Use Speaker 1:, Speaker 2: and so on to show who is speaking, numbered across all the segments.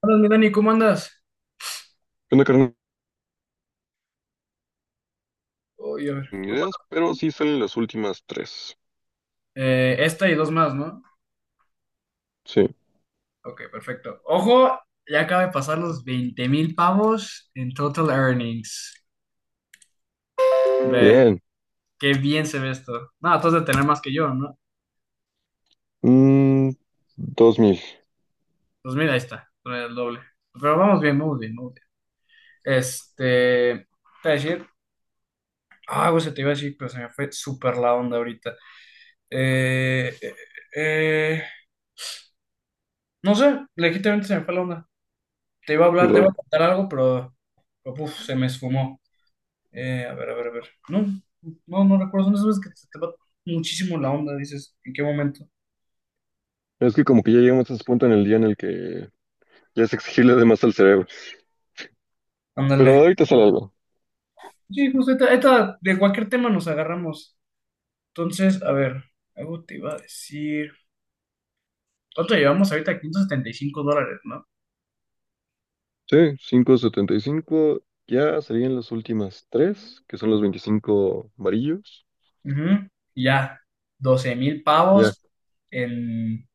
Speaker 1: Hola, mi Dani, ¿cómo andas?
Speaker 2: Una carrera
Speaker 1: Oye, a ver,
Speaker 2: ni ideas, pero sí salen las últimas tres.
Speaker 1: ¿esta y dos más, ¿no?
Speaker 2: Sí.
Speaker 1: Ok, perfecto. Ojo, ya acaba de pasar los 20,000 pavos en total earnings. Ve,
Speaker 2: Bien.
Speaker 1: qué bien se ve esto. No, tú has de tener más que yo, ¿no?
Speaker 2: Mm, 2000.
Speaker 1: Pues mira, ahí está, el doble. Pero vamos bien, vamos bien, vamos bien. Este, te iba a decir, ah, güey, se te iba a decir, pero se me fue súper la onda ahorita. Eh, eh, eh, no sé, legítimamente se me fue la onda. Te iba a hablar, te iba
Speaker 2: Lol.
Speaker 1: a contar algo, pero puf, se me esfumó. A ver, a ver, a ver. No, no, no recuerdo. Son esas veces que te va muchísimo la onda, dices, ¿en qué momento?
Speaker 2: Es que como que ya llegamos a ese punto en el día en el que ya es exigirle de más al cerebro.
Speaker 1: Ándale.
Speaker 2: Pero ahorita sale algo.
Speaker 1: Sí, justo, esta ahorita de cualquier tema nos agarramos. Entonces, a ver, algo te iba a decir. ¿Cuánto llevamos ahorita? $575, ¿no?
Speaker 2: Sí, 575. Ya serían las últimas tres, que son los 25 amarillos.
Speaker 1: Ujú. Y ya, 12,000
Speaker 2: Ya.
Speaker 1: pavos en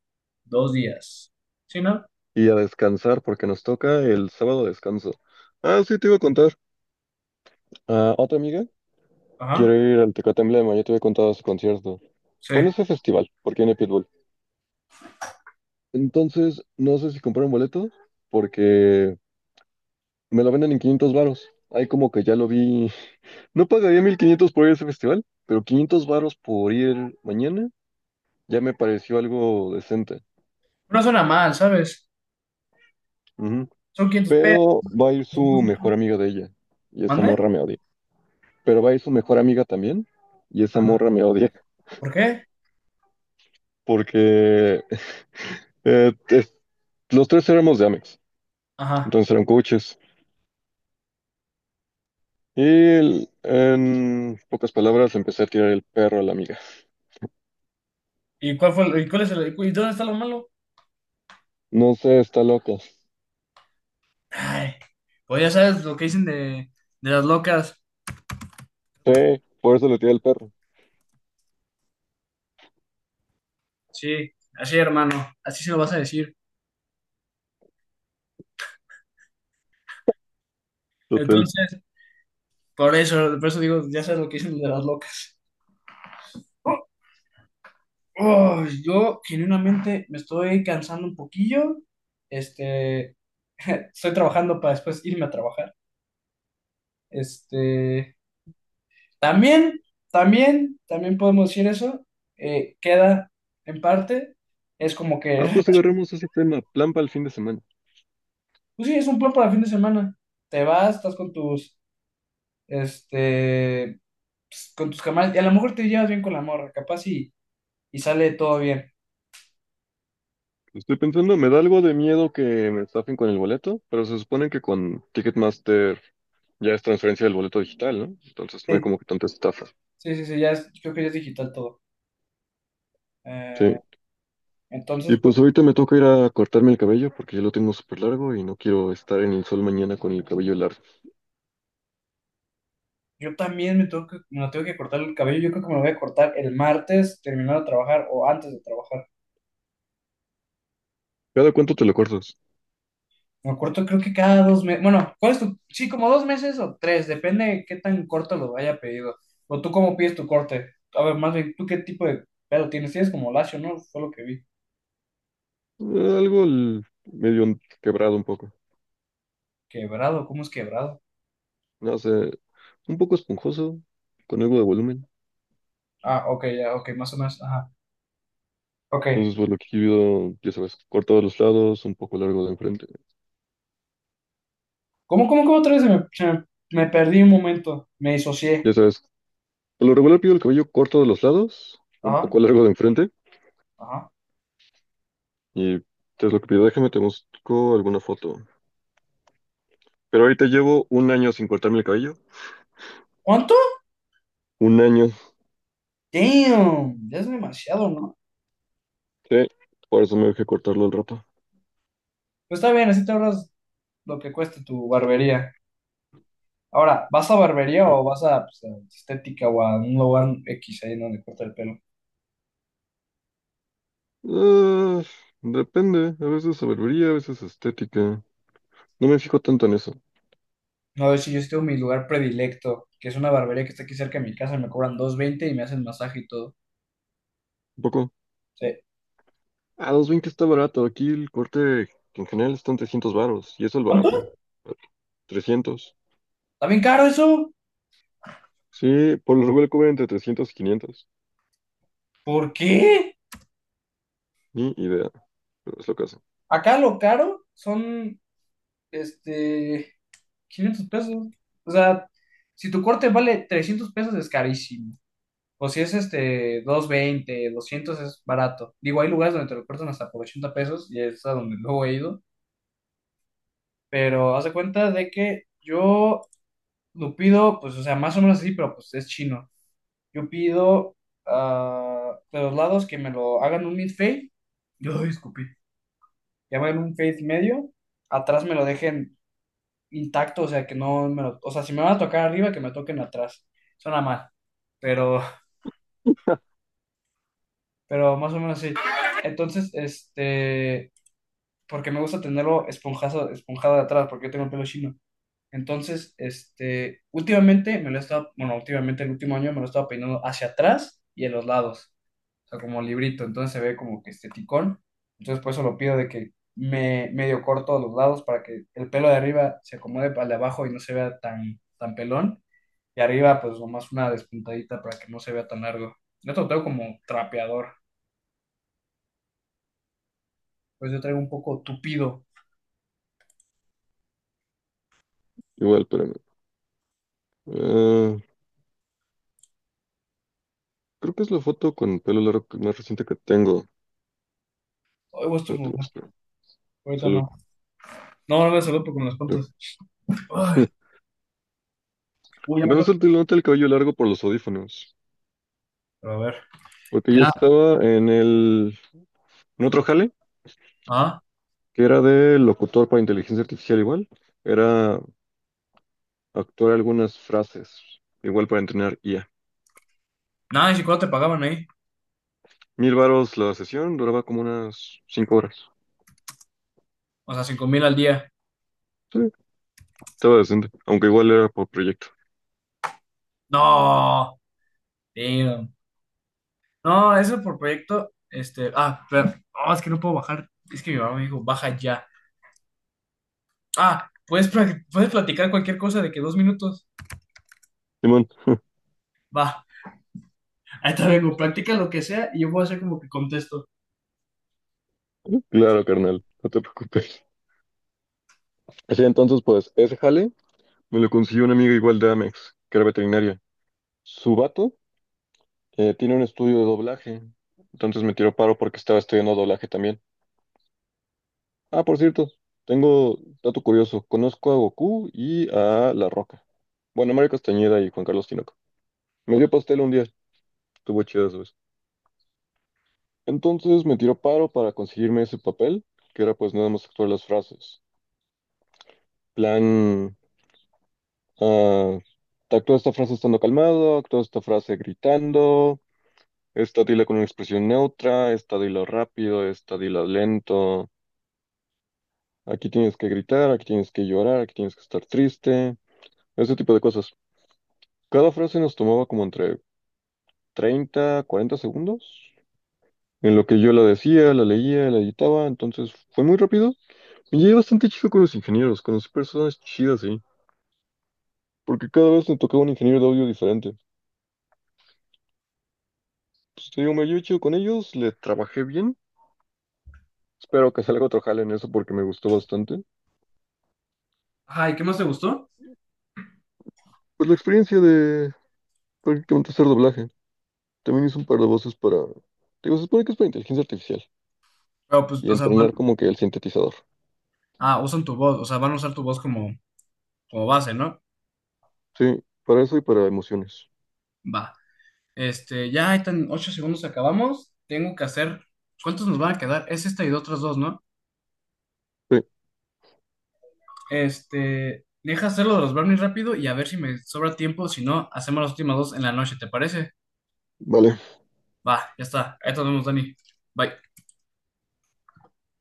Speaker 1: 2 días. ¿Sí, no?
Speaker 2: Y a descansar porque nos toca el sábado descanso. Ah, sí, te iba a contar. Ah, otra amiga
Speaker 1: Ajá,
Speaker 2: quiere ir al Tecate Emblema. Ya te había contado su concierto.
Speaker 1: sí.
Speaker 2: Bueno, ese festival, porque viene Pitbull. Entonces, no sé si comprar un boleto porque me lo venden en 500 varos. Ahí como que ya lo vi. No pagaría 1500 por ir a ese festival, pero 500 varos por ir mañana ya me pareció algo decente.
Speaker 1: No suena mal, ¿sabes?
Speaker 2: Ujú.
Speaker 1: Son 500 pesos.
Speaker 2: Pero va a ir
Speaker 1: ¿No?
Speaker 2: su mejor amiga de ella y esa
Speaker 1: ¿Mande?
Speaker 2: morra me odia. Pero va a ir su mejor amiga también y esa
Speaker 1: Ajá.
Speaker 2: morra me odia.
Speaker 1: ¿Por qué?
Speaker 2: Porque eh, es- los tres éramos de Amex,
Speaker 1: Ajá.
Speaker 2: entonces eran coaches. En pocas palabras empecé a tirar el perro a la amiga.
Speaker 1: ¿Y cuál fue, y cuál es y dónde está lo malo?
Speaker 2: No sé, está loca.
Speaker 1: Ay, pues ya sabes lo que dicen de las locas.
Speaker 2: Sí, por eso le tiré al perro.
Speaker 1: Sí, así hermano, así se lo vas a decir.
Speaker 2: Total.
Speaker 1: Entonces, por eso digo, ya sabes lo que dicen de las locas. Oh, yo genuinamente me estoy cansando un poquillo. Este, estoy trabajando para después irme a trabajar. Este, también, también podemos decir eso. Queda en parte, es como que
Speaker 2: Ah, pues agarremos ese tema. Plan para el fin de semana.
Speaker 1: Pues sí, es un plan para fin de semana. Te vas, estás con tus, este, pues, con tus camaradas, y a lo mejor te llevas bien con la morra, capaz y sale todo bien.
Speaker 2: Estoy pensando, me da algo de miedo que me estafen con el boleto, pero se supone que con Ticketmaster ya es transferencia del boleto digital, ¿no? Entonces no hay
Speaker 1: Sí.
Speaker 2: como que tanta estafa.
Speaker 1: Sí, sí, sí, creo que ya es digital todo. Eh,
Speaker 2: Sí. Y
Speaker 1: entonces, pues
Speaker 2: pues ahorita me toca ir a cortarme el cabello porque ya lo tengo súper largo y no quiero estar en el sol mañana con el cabello largo.
Speaker 1: yo también me lo tengo que cortar el cabello. Yo creo que me lo voy a cortar el martes, terminando de trabajar o antes de trabajar.
Speaker 2: ¿Cada cuánto te lo cortas?
Speaker 1: Me acuerdo, creo que cada 2 meses. Bueno, ¿cuál es tu? Sí, como 2 meses o tres, depende de qué tan corto lo haya pedido. O tú cómo pides tu corte. A ver, más bien, ¿tú qué tipo de pelo tienes? Tienes como lacio, ¿no? Fue lo que vi.
Speaker 2: Algo medio quebrado un poco.
Speaker 1: Quebrado, ¿cómo es quebrado?
Speaker 2: No sé, un poco esponjoso, con algo de volumen.
Speaker 1: Ah, ok, ya, ok, más o menos. Ajá, ok.
Speaker 2: Entonces, por lo que pido, ya sabes, corto de los lados, un poco largo de enfrente.
Speaker 1: ¿Cómo otra vez me perdí un momento? Me disocié.
Speaker 2: Ya sabes, por lo regular pido el cabello corto de los lados, un
Speaker 1: Ajá,
Speaker 2: poco largo de enfrente.
Speaker 1: ajá.
Speaker 2: Y es lo que pido. Déjame, te busco alguna foto. Pero ahorita llevo un año sin cortarme el cabello.
Speaker 1: ¿Cuánto?
Speaker 2: Un año.
Speaker 1: Damn, ya es demasiado, ¿no?
Speaker 2: Sí, por eso me dejé cortarlo al rato.
Speaker 1: Pues está bien, así te ahorras lo que cueste tu barbería. Ahora, ¿vas a barbería o vas a, pues, a estética o a un lugar X ahí donde corta el pelo?
Speaker 2: Ah, depende. A veces sabiduría, a veces estética. No me fijo tanto en eso.
Speaker 1: No, de hecho, yo estoy en mi lugar predilecto, que es una barbería que está aquí cerca de mi casa, me cobran 220 y me hacen masaje y todo.
Speaker 2: Un poco.
Speaker 1: Sí.
Speaker 2: A 220 está barato. Aquí el corte en general están 300 varos. Y eso es el barato.
Speaker 1: ¿Cuánto?
Speaker 2: Trescientos.
Speaker 1: ¿Está bien caro eso?
Speaker 2: Sí, por lo regular cobran entre 300 y 500.
Speaker 1: ¿Por qué?
Speaker 2: Ni idea, pero es lo que hacen.
Speaker 1: Acá lo caro son, este, 500 pesos. O sea, si tu corte vale 300 pesos es carísimo. O si es, este, 220 200 es barato. Digo, hay lugares donde te lo cortan hasta por 80 pesos y es a donde luego he ido. Pero haz de cuenta de que yo lo pido, pues, o sea, más o menos así, pero pues es chino. Yo pido ah, de los lados que me lo hagan un mid-fade. Yo escupí. Que me hagan un fade medio. Atrás me lo dejen intacto, o sea, que no me lo. O sea, si me van a tocar arriba, que me toquen atrás. Suena mal, pero, pero más o menos así. Entonces, este. Porque me gusta tenerlo esponjado, esponjado de atrás, porque yo tengo el pelo chino. Entonces, este, últimamente me lo he estado, bueno, últimamente el último año me lo he estado peinando hacia atrás y en los lados, o sea, como librito, entonces se ve como que este. Entonces, por eso lo pido de que me medio corto los lados para que el pelo de arriba se acomode al de abajo y no se vea tan, tan pelón. Y arriba, pues nomás una despuntadita para que no se vea tan largo. Yo te lo traigo como trapeador, pues yo traigo un poco tupido.
Speaker 2: Igual, espérame. Ah, creo que es la foto con pelo largo más reciente que tengo.
Speaker 1: Hoy voy a
Speaker 2: No te
Speaker 1: estornudar,
Speaker 2: gusta.
Speaker 1: ahorita
Speaker 2: Salud.
Speaker 1: no. No, no me saludo con las puntas. Ay, uy, ya me
Speaker 2: Bueno,
Speaker 1: toca.
Speaker 2: solo te nota el cabello largo por los audífonos.
Speaker 1: Pero a ver,
Speaker 2: Porque yo
Speaker 1: ya,
Speaker 2: estaba en otro jale,
Speaker 1: ah.
Speaker 2: que era de locutor para inteligencia artificial igual. Era actuar algunas frases, igual para entrenar IA.
Speaker 1: Nada, ¿y cuánto te pagaban ahí?
Speaker 2: 1000 varos la sesión, duraba como unas 5 horas.
Speaker 1: O sea, 5,000 al día.
Speaker 2: Sí, estaba decente, aunque igual era por proyecto.
Speaker 1: No, damn. No, eso por proyecto, este, ah, espera. No, es que no puedo bajar. Es que mi mamá me dijo, baja ya. Ah, puedes, puedes platicar cualquier cosa de que 2 minutos. Va, ahí te vengo, practica lo que sea y yo voy a hacer como que contesto.
Speaker 2: Claro, carnal, no te preocupes. Así entonces, pues, ese jale me lo consiguió un amigo igual de Amex, que era veterinaria. Su vato tiene un estudio de doblaje, entonces me tiró paro porque estaba estudiando doblaje también. Ah, por cierto, tengo dato curioso. Conozco a Goku y a La Roca. Bueno, Mario Castañeda y Juan Carlos Tinoco. Me dio pastel un día, estuvo chido esa vez. Entonces me tiró paro para conseguirme ese papel, que era pues nada más actuar las frases. Plan Ah, actúa esta frase estando calmado, actúa esta frase gritando, esta dila con una expresión neutra, esta dila rápido, esta dila lento. Aquí tienes que gritar, aquí tienes que llorar, aquí tienes que estar triste, ese tipo de cosas. Cada frase nos tomaba como entre 30 40 segundos, en lo que yo la decía, la leía, la editaba, entonces fue muy rápido. Me llevé bastante chido con los ingenieros, conocí personas chidas ahí, porque cada vez me tocaba un ingeniero de audio diferente. Pues te digo, me llevé chido con ellos, le trabajé bien. Espero que salga otro jale en eso porque me gustó bastante.
Speaker 1: Ajá, ¿y qué más te gustó?
Speaker 2: Pues la experiencia de prácticamente hacer doblaje. También hice un par de voces para... Digo, se supone que es para inteligencia artificial
Speaker 1: Pero pues,
Speaker 2: y
Speaker 1: o sea,
Speaker 2: entrenar como que el sintetizador.
Speaker 1: ah, usan tu voz, o sea, van a usar tu voz como base, ¿no?
Speaker 2: Sí, para eso y para emociones.
Speaker 1: Va. Este, ya ahí están 8 segundos acabamos. Tengo que hacer, ¿cuántos nos van a quedar? Es esta y de otras dos, ¿no?
Speaker 2: Sí,
Speaker 1: Este, deja hacer lo de los brownies rápido y a ver si me sobra tiempo. Si no, hacemos las últimas dos en la noche, ¿te parece?
Speaker 2: vale.
Speaker 1: Va, ya está. Ahí nos vemos, Dani. Bye.